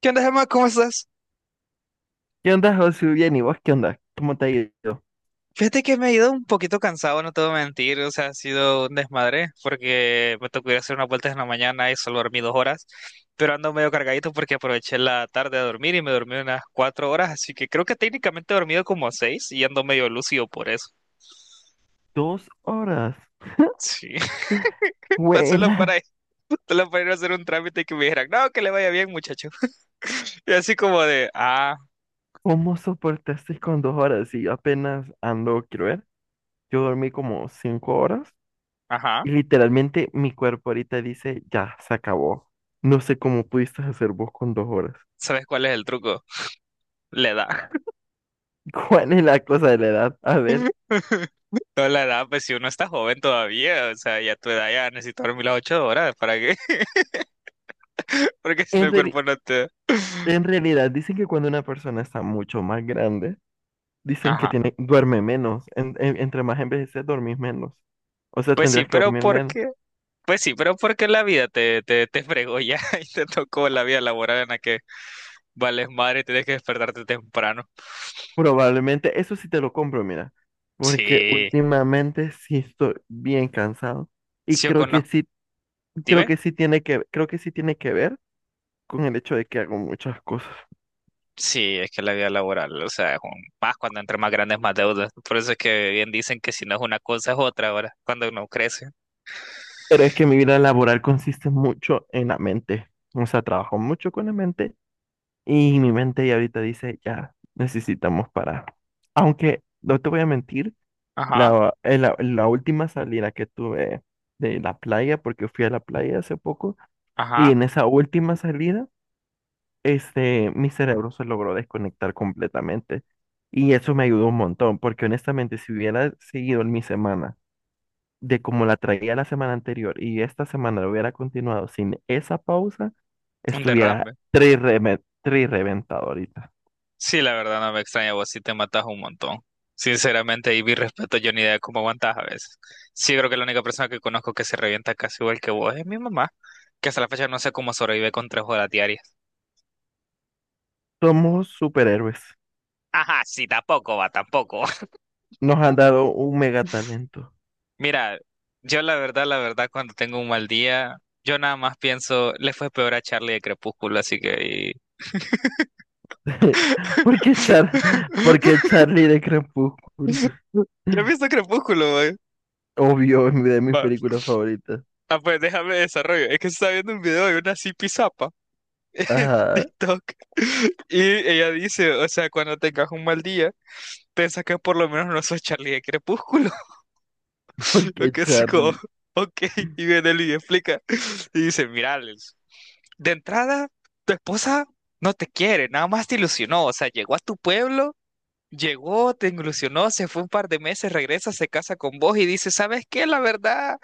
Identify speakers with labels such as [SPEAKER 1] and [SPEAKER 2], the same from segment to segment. [SPEAKER 1] ¿Qué onda, Gemma? ¿Cómo estás?
[SPEAKER 2] ¿Qué onda, José? Bien, ¿y vos qué onda? ¿Cómo te ha ido?
[SPEAKER 1] Fíjate que me he ido un poquito cansado, no te voy a mentir, o sea, ha sido un desmadre porque me tocó ir a hacer unas vueltas en la mañana y solo dormí 2 horas, pero ando medio cargadito porque aproveché la tarde a dormir y me dormí unas 4 horas, así que creo que técnicamente he dormido como seis y ando medio lúcido por eso.
[SPEAKER 2] Dos horas.
[SPEAKER 1] Sí, pa- solo para,
[SPEAKER 2] ¡Huela!
[SPEAKER 1] solo para ir a hacer un trámite y que me dijeran, no, que le vaya bien, muchacho. Y así como de,
[SPEAKER 2] ¿Cómo soportaste con dos horas? Y yo apenas ando, quiero ver. Yo dormí como cinco horas
[SPEAKER 1] ajá,
[SPEAKER 2] y literalmente mi cuerpo ahorita dice, ya, se acabó. No sé cómo pudiste hacer vos con dos horas.
[SPEAKER 1] ¿sabes cuál es el truco? Le da.
[SPEAKER 2] ¿Cuál es la cosa de la edad? A ver,
[SPEAKER 1] No la edad, pues si uno está joven todavía, o sea, y a tu edad ya necesito dormir las 8 horas, ¿para qué? Porque si no
[SPEAKER 2] en
[SPEAKER 1] el
[SPEAKER 2] reali-
[SPEAKER 1] cuerpo no te...
[SPEAKER 2] en realidad dicen que cuando una persona está mucho más grande, dicen que
[SPEAKER 1] Ajá.
[SPEAKER 2] tiene, duerme menos. Entre más envejeces, dormís menos. O sea,
[SPEAKER 1] Pues sí,
[SPEAKER 2] tendrías que
[SPEAKER 1] pero
[SPEAKER 2] dormir menos.
[SPEAKER 1] porque Pues sí, pero porque la vida te fregó ya y te tocó la vida laboral en la que vales madre y tienes que despertarte temprano.
[SPEAKER 2] Probablemente, eso sí te lo compro, mira, porque
[SPEAKER 1] Sí,
[SPEAKER 2] últimamente sí estoy bien cansado y
[SPEAKER 1] sí yo
[SPEAKER 2] creo que
[SPEAKER 1] conozco,
[SPEAKER 2] sí,
[SPEAKER 1] ¿sí ve?
[SPEAKER 2] creo que sí tiene que ver con el hecho de que hago muchas cosas.
[SPEAKER 1] Sí, es que la vida laboral, o sea, es un, más cuando entre más grandes más deudas. Por eso es que bien dicen que si no es una cosa es otra ahora, cuando uno crece.
[SPEAKER 2] Pero es que mi vida laboral consiste mucho en la mente, o sea, trabajo mucho con la mente y mi mente ya ahorita dice, ya necesitamos parar. Aunque no te voy a mentir,
[SPEAKER 1] Ajá,
[SPEAKER 2] en la última salida que tuve de la playa, porque fui a la playa hace poco, y
[SPEAKER 1] ajá,
[SPEAKER 2] en esa última salida mi cerebro se logró desconectar completamente. Y eso me ayudó un montón, porque honestamente, si hubiera seguido en mi semana de como la traía la semana anterior y esta semana lo hubiera continuado sin esa pausa,
[SPEAKER 1] un
[SPEAKER 2] estuviera
[SPEAKER 1] derrame.
[SPEAKER 2] tri reventado ahorita.
[SPEAKER 1] Sí, la verdad no me extraña, vos sí te matas un montón. Sinceramente, y mi respeto, yo ni idea de cómo aguantas a veces. Sí, creo que la única persona que conozco que se revienta casi igual que vos es mi mamá, que hasta la fecha no sé cómo sobrevive con 3 horas diarias.
[SPEAKER 2] Somos superhéroes.
[SPEAKER 1] Ajá, sí, tampoco va, tampoco.
[SPEAKER 2] Nos han dado un mega talento.
[SPEAKER 1] Mira, yo la verdad, cuando tengo un mal día, yo nada más pienso, le fue peor a Charlie de Crepúsculo, así que...
[SPEAKER 2] Porque Char, porque Charlie de Crepúsculo,
[SPEAKER 1] y- Yo he visto Crepúsculo, güey.
[SPEAKER 2] obvio, es de mis
[SPEAKER 1] Va.
[SPEAKER 2] películas favoritas.
[SPEAKER 1] Ah, pues déjame desarrollo. Es que se está viendo un video de una Zipi en
[SPEAKER 2] Ajá,
[SPEAKER 1] TikTok, y ella dice, o sea, cuando tengas un mal día, piensa que por lo menos no sos Charlie de Crepúsculo. Lo
[SPEAKER 2] porque
[SPEAKER 1] que así como,
[SPEAKER 2] Charlie.
[SPEAKER 1] ok, y viene él y explica. Y dice, mira, Alex, de entrada, tu esposa no te quiere, nada más te ilusionó, o sea, llegó a tu pueblo Llegó, te ilusionó, se fue un par de meses, regresa, se casa con vos y dice, ¿sabes qué? La verdad,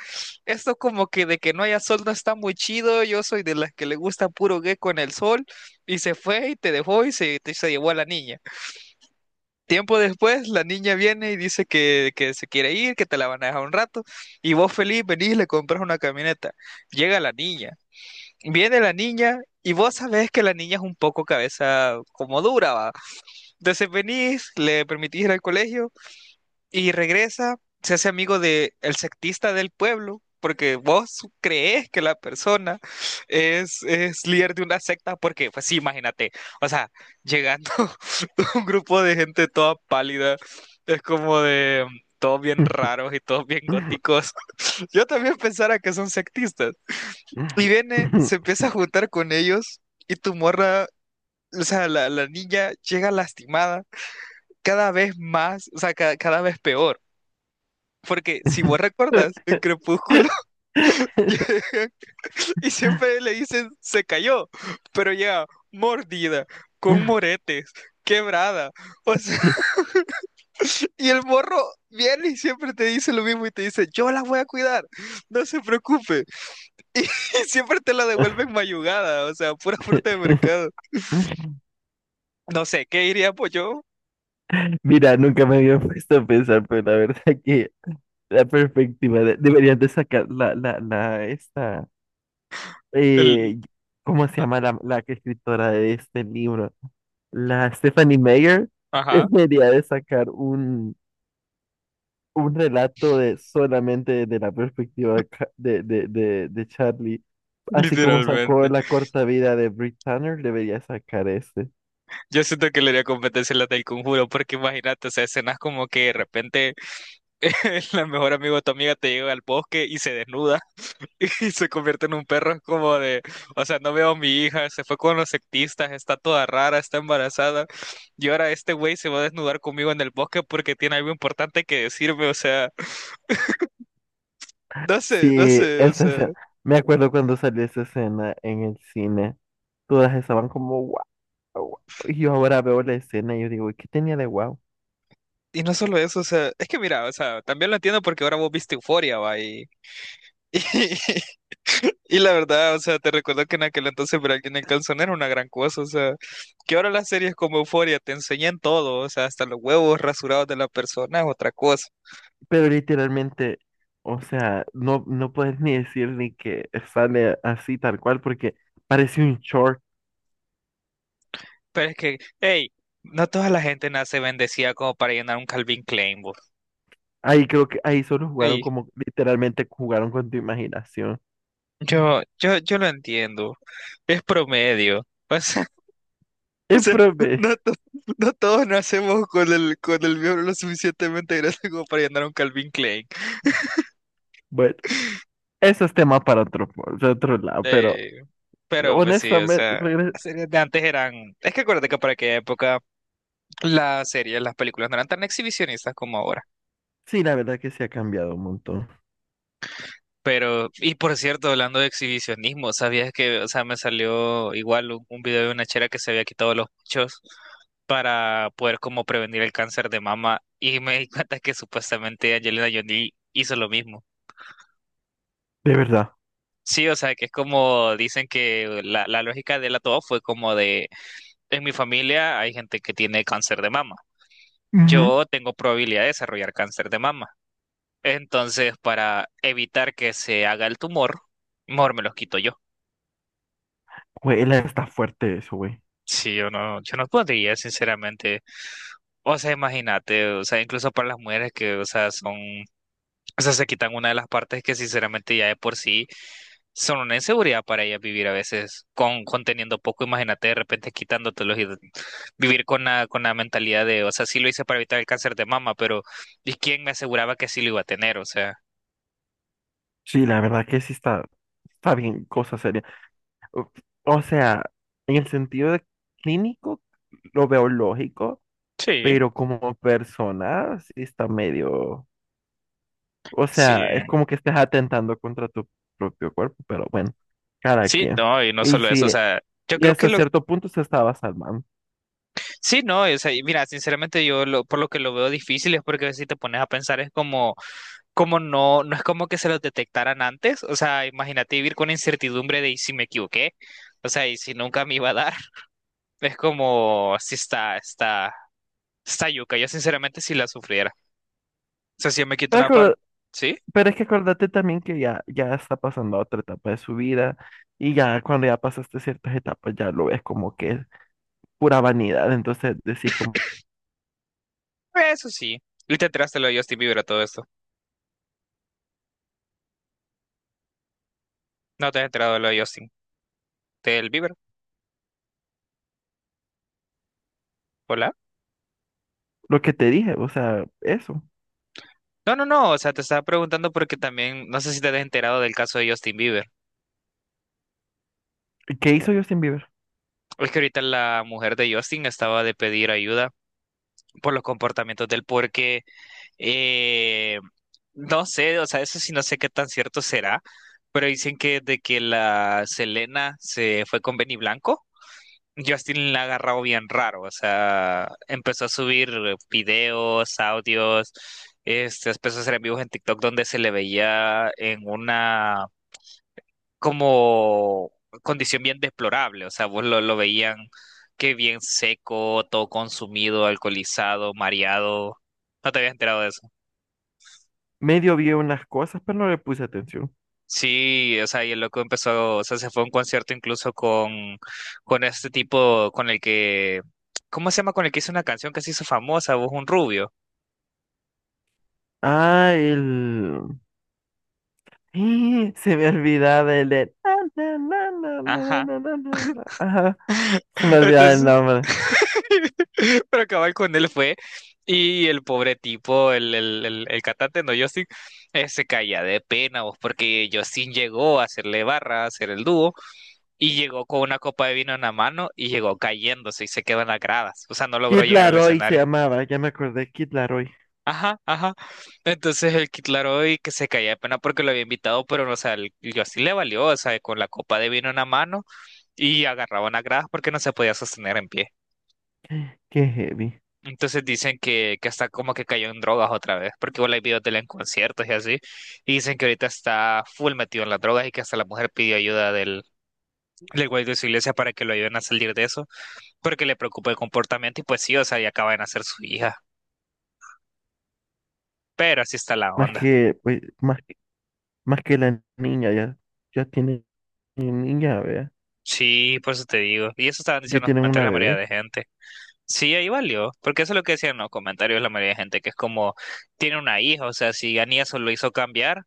[SPEAKER 1] esto como que de que no haya sol no está muy chido, yo soy de las que le gusta puro gecko en el sol, y se fue y te dejó y se llevó a la niña. Tiempo después, la niña viene y dice que se quiere ir, que te la van a dejar un rato, y vos feliz venís y le compras una camioneta. Llega la niña, viene la niña... Y vos sabés que la niña es un poco cabeza como dura, va. Entonces venís, le permitís ir al colegio, y regresa, se hace amigo de el sectista del pueblo, porque vos crees que la persona es líder de una secta, porque, pues sí, imagínate, o sea, llegando un grupo de gente toda pálida, es como de todos bien raros y todos bien góticos. Yo también pensara que son sectistas. Y viene, se empieza a juntar con ellos y tu morra, o sea, la niña llega lastimada cada vez más, o sea, cada vez peor. Porque si vos recuerdas, en Crepúsculo llegan y siempre le dicen se cayó, pero ya mordida, con moretes, quebrada. O sea, y el morro viene y siempre te dice lo mismo y te dice, yo la voy a cuidar, no se preocupe. Y siempre te la devuelven mayugada, o sea, pura fruta de mercado. No sé, ¿qué diría pues yo?
[SPEAKER 2] Mira, nunca me había puesto a pensar, pero la verdad que la perspectiva deberían de sacar
[SPEAKER 1] El...
[SPEAKER 2] eh, ¿cómo se
[SPEAKER 1] a-
[SPEAKER 2] llama la que escritora de este libro? La Stephanie Meyer
[SPEAKER 1] Ajá.
[SPEAKER 2] debería de sacar un relato de solamente de la perspectiva de, de Charlie. Así como sacó
[SPEAKER 1] Literalmente.
[SPEAKER 2] la corta vida de Brit Tanner, debería sacar ese.
[SPEAKER 1] Yo siento que le haría competencia a la del conjuro, porque imagínate, o sea, escenas como que de repente la mejor amigo de tu amiga te llega al bosque y se desnuda y se convierte en un perro. Es como de, o sea, no veo a mi hija, se fue con los sectistas, está toda rara, está embarazada. Y ahora este güey se va a desnudar conmigo en el bosque porque tiene algo importante que decirme. O sea, no sé, no
[SPEAKER 2] Sí,
[SPEAKER 1] sé, o
[SPEAKER 2] esa
[SPEAKER 1] sea.
[SPEAKER 2] escena. Me acuerdo cuando salió esa escena en el cine. Todas estaban como wow, wow. Y yo ahora veo la escena y yo digo, ¿qué tenía de wow?
[SPEAKER 1] Y no solo eso, o sea, es que mira, o sea, también lo entiendo porque ahora vos viste Euforia, va, y, y la verdad, o sea, te recuerdo que en aquel entonces ver a alguien en calzón era una gran cosa, o sea, que ahora las series como Euforia te enseñan todo, o sea, hasta los huevos rasurados de la persona es otra cosa.
[SPEAKER 2] Pero literalmente, o sea, no, no puedes ni decir ni que sale así tal cual, porque parece un short.
[SPEAKER 1] Pero es que, hey, no toda la gente nace bendecida como para llenar un Calvin Klein, vos.
[SPEAKER 2] Ahí creo que ahí solo jugaron
[SPEAKER 1] Ey,
[SPEAKER 2] como literalmente jugaron con tu imaginación.
[SPEAKER 1] yo lo entiendo, es promedio, o sea, o
[SPEAKER 2] Y
[SPEAKER 1] sea,
[SPEAKER 2] profe,
[SPEAKER 1] no, no todos nacemos con el miembro lo suficientemente grande como para llenar un Calvin Klein.
[SPEAKER 2] bueno, eso es tema para otro lado, pero.
[SPEAKER 1] Pero pues sí, o
[SPEAKER 2] Honestamente,
[SPEAKER 1] sea, las series de antes eran... Es que acuérdate que para aquella época las series, las películas no eran tan exhibicionistas como ahora.
[SPEAKER 2] sí, la verdad que se ha cambiado un montón.
[SPEAKER 1] Pero, y por cierto, hablando de exhibicionismo, ¿sabías que, o sea, me salió igual un video de una chera que se había quitado los pechos para poder como prevenir el cáncer de mama y me di cuenta que supuestamente Angelina Jolie hizo lo mismo.
[SPEAKER 2] De verdad.
[SPEAKER 1] Sí, o sea, que es como dicen que la, lógica de la todo fue como de, en mi familia hay gente que tiene cáncer de mama.
[SPEAKER 2] Ujú.
[SPEAKER 1] Yo tengo probabilidad de desarrollar cáncer de mama. Entonces, para evitar que se haga el tumor, mejor me los quito yo.
[SPEAKER 2] Güey, está fuerte eso, güey.
[SPEAKER 1] Sí, yo no, yo no podría, sinceramente. O sea, imagínate, o sea, incluso para las mujeres que, o sea, son, o sea, se quitan una de las partes que sinceramente ya de por sí son una inseguridad para ellas vivir a veces con teniendo poco, imagínate de repente quitándotelos y vivir con la mentalidad de, o sea, sí lo hice para evitar el cáncer de mama, pero ¿y quién me aseguraba que sí lo iba a tener? O sea.
[SPEAKER 2] Sí, la verdad que sí está, está bien, cosa seria. O o sea, en el sentido de clínico, lo veo lógico,
[SPEAKER 1] Sí,
[SPEAKER 2] pero como persona, sí está medio. O
[SPEAKER 1] sí,
[SPEAKER 2] sea, es como que estés atentando contra tu propio cuerpo, pero bueno, cada
[SPEAKER 1] sí,
[SPEAKER 2] quien.
[SPEAKER 1] no, y no
[SPEAKER 2] Y
[SPEAKER 1] solo eso, o
[SPEAKER 2] sí,
[SPEAKER 1] sea, yo
[SPEAKER 2] y
[SPEAKER 1] creo que
[SPEAKER 2] hasta
[SPEAKER 1] lo,
[SPEAKER 2] cierto punto se estaba salvando.
[SPEAKER 1] sí, no, o sea, y mira, sinceramente yo lo, por lo que lo veo difícil es porque si te pones a pensar es como, como no, no es como que se los detectaran antes, o sea, imagínate vivir con incertidumbre de y si me equivoqué, o sea, y si nunca me iba a dar, es como, sí está yuca, yo sinceramente sí la sufriera, o sea, si yo me quito una parte, ¿sí?
[SPEAKER 2] Pero es que acuérdate también que ya, ya está pasando a otra etapa de su vida y ya cuando ya pasaste ciertas etapas ya lo ves como que es pura vanidad. Entonces decís como
[SPEAKER 1] Eso sí, y te enteraste lo de Justin Bieber a todo esto, no te has enterado de lo de Justin, del Bieber, hola.
[SPEAKER 2] lo que te dije, o sea, eso.
[SPEAKER 1] No, no, no, o sea, te estaba preguntando porque también, no sé si te has enterado del caso de Justin Bieber.
[SPEAKER 2] ¿Qué hizo Justin Bieber?
[SPEAKER 1] Es que ahorita la mujer de Justin estaba de pedir ayuda por los comportamientos del porque eh, no sé, o sea, eso sí no sé qué tan cierto será, pero dicen que de que la Selena se fue con Benny Blanco, Justin la ha agarrado bien raro, o sea, empezó a subir videos, audios, este, empezó a hacer en vivos en TikTok donde se le veía en una como condición bien deplorable, o sea, vos lo veían que bien seco, todo consumido, alcoholizado, mareado. No te habías enterado de eso.
[SPEAKER 2] Medio vi unas cosas, pero no le puse atención.
[SPEAKER 1] Sí, o sea, y el loco empezó, o sea, se fue a un concierto incluso con este tipo, con el que, ¿cómo se llama? Con el que hizo una canción que se hizo famosa, vos un rubio.
[SPEAKER 2] Ah, el... ¡Ih! Se me olvidaba el... de- na, na, na, na,
[SPEAKER 1] Ajá.
[SPEAKER 2] na, na, na, na. Ajá, se me olvidaba el
[SPEAKER 1] Entonces,
[SPEAKER 2] nombre.
[SPEAKER 1] para acabar con él fue, y el pobre tipo, el, el cantante, no, Justin, se caía de pena, vos, porque Justin llegó a hacerle barra, a hacer el dúo, y llegó con una copa de vino en la mano, y llegó cayéndose y se quedó en las gradas, o sea, no logró
[SPEAKER 2] Kid
[SPEAKER 1] llegar al
[SPEAKER 2] Laroi se
[SPEAKER 1] escenario.
[SPEAKER 2] llamaba, ya me acordé, Kid Laroi.
[SPEAKER 1] Ajá, ajá. Entonces el Kid Laroi que se caía de pena porque lo había invitado, pero no, o sea, el Justin le valió, o sea, con la copa de vino en la mano y agarraba una gradas porque no se podía sostener en pie.
[SPEAKER 2] Qué heavy.
[SPEAKER 1] Entonces dicen que hasta como que cayó en drogas otra vez, porque igual hay videos de él en conciertos y así, y dicen que ahorita está full metido en las drogas y que hasta la mujer pidió ayuda del, del güey de su iglesia para que lo ayuden a salir de eso, porque le preocupa el comportamiento y pues sí, o sea, ya acaba de nacer su hija, pero así está la
[SPEAKER 2] Más
[SPEAKER 1] onda.
[SPEAKER 2] que, pues, más Más que la niña, ya, ya tiene niña, vea.
[SPEAKER 1] Sí, por eso te digo, y eso estaban
[SPEAKER 2] Ya
[SPEAKER 1] diciendo en los
[SPEAKER 2] tienen una
[SPEAKER 1] comentarios la mayoría de
[SPEAKER 2] bebé.
[SPEAKER 1] gente. Sí, ahí valió, porque eso es lo que decían en los comentarios la mayoría de gente, que es como, tiene una hija, o sea, si Anies lo hizo cambiar,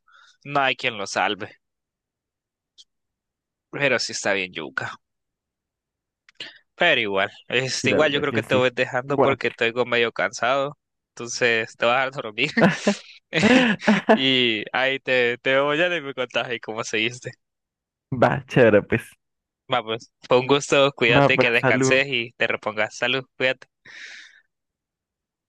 [SPEAKER 1] no hay quien lo salve, pero sí está bien yuca. Pero igual,
[SPEAKER 2] Sí,
[SPEAKER 1] este,
[SPEAKER 2] la
[SPEAKER 1] igual yo
[SPEAKER 2] verdad
[SPEAKER 1] creo
[SPEAKER 2] que
[SPEAKER 1] que te
[SPEAKER 2] sí.
[SPEAKER 1] voy dejando
[SPEAKER 2] Bueno.
[SPEAKER 1] porque estoy como medio cansado. Entonces te vas a dormir. Y ahí te veo ya y me contás ahí cómo seguiste.
[SPEAKER 2] Va, chévere, pues.
[SPEAKER 1] Vamos, fue un gusto,
[SPEAKER 2] Va,
[SPEAKER 1] cuídate, que
[SPEAKER 2] pues, salud.
[SPEAKER 1] descanses y te repongas. Salud, cuídate.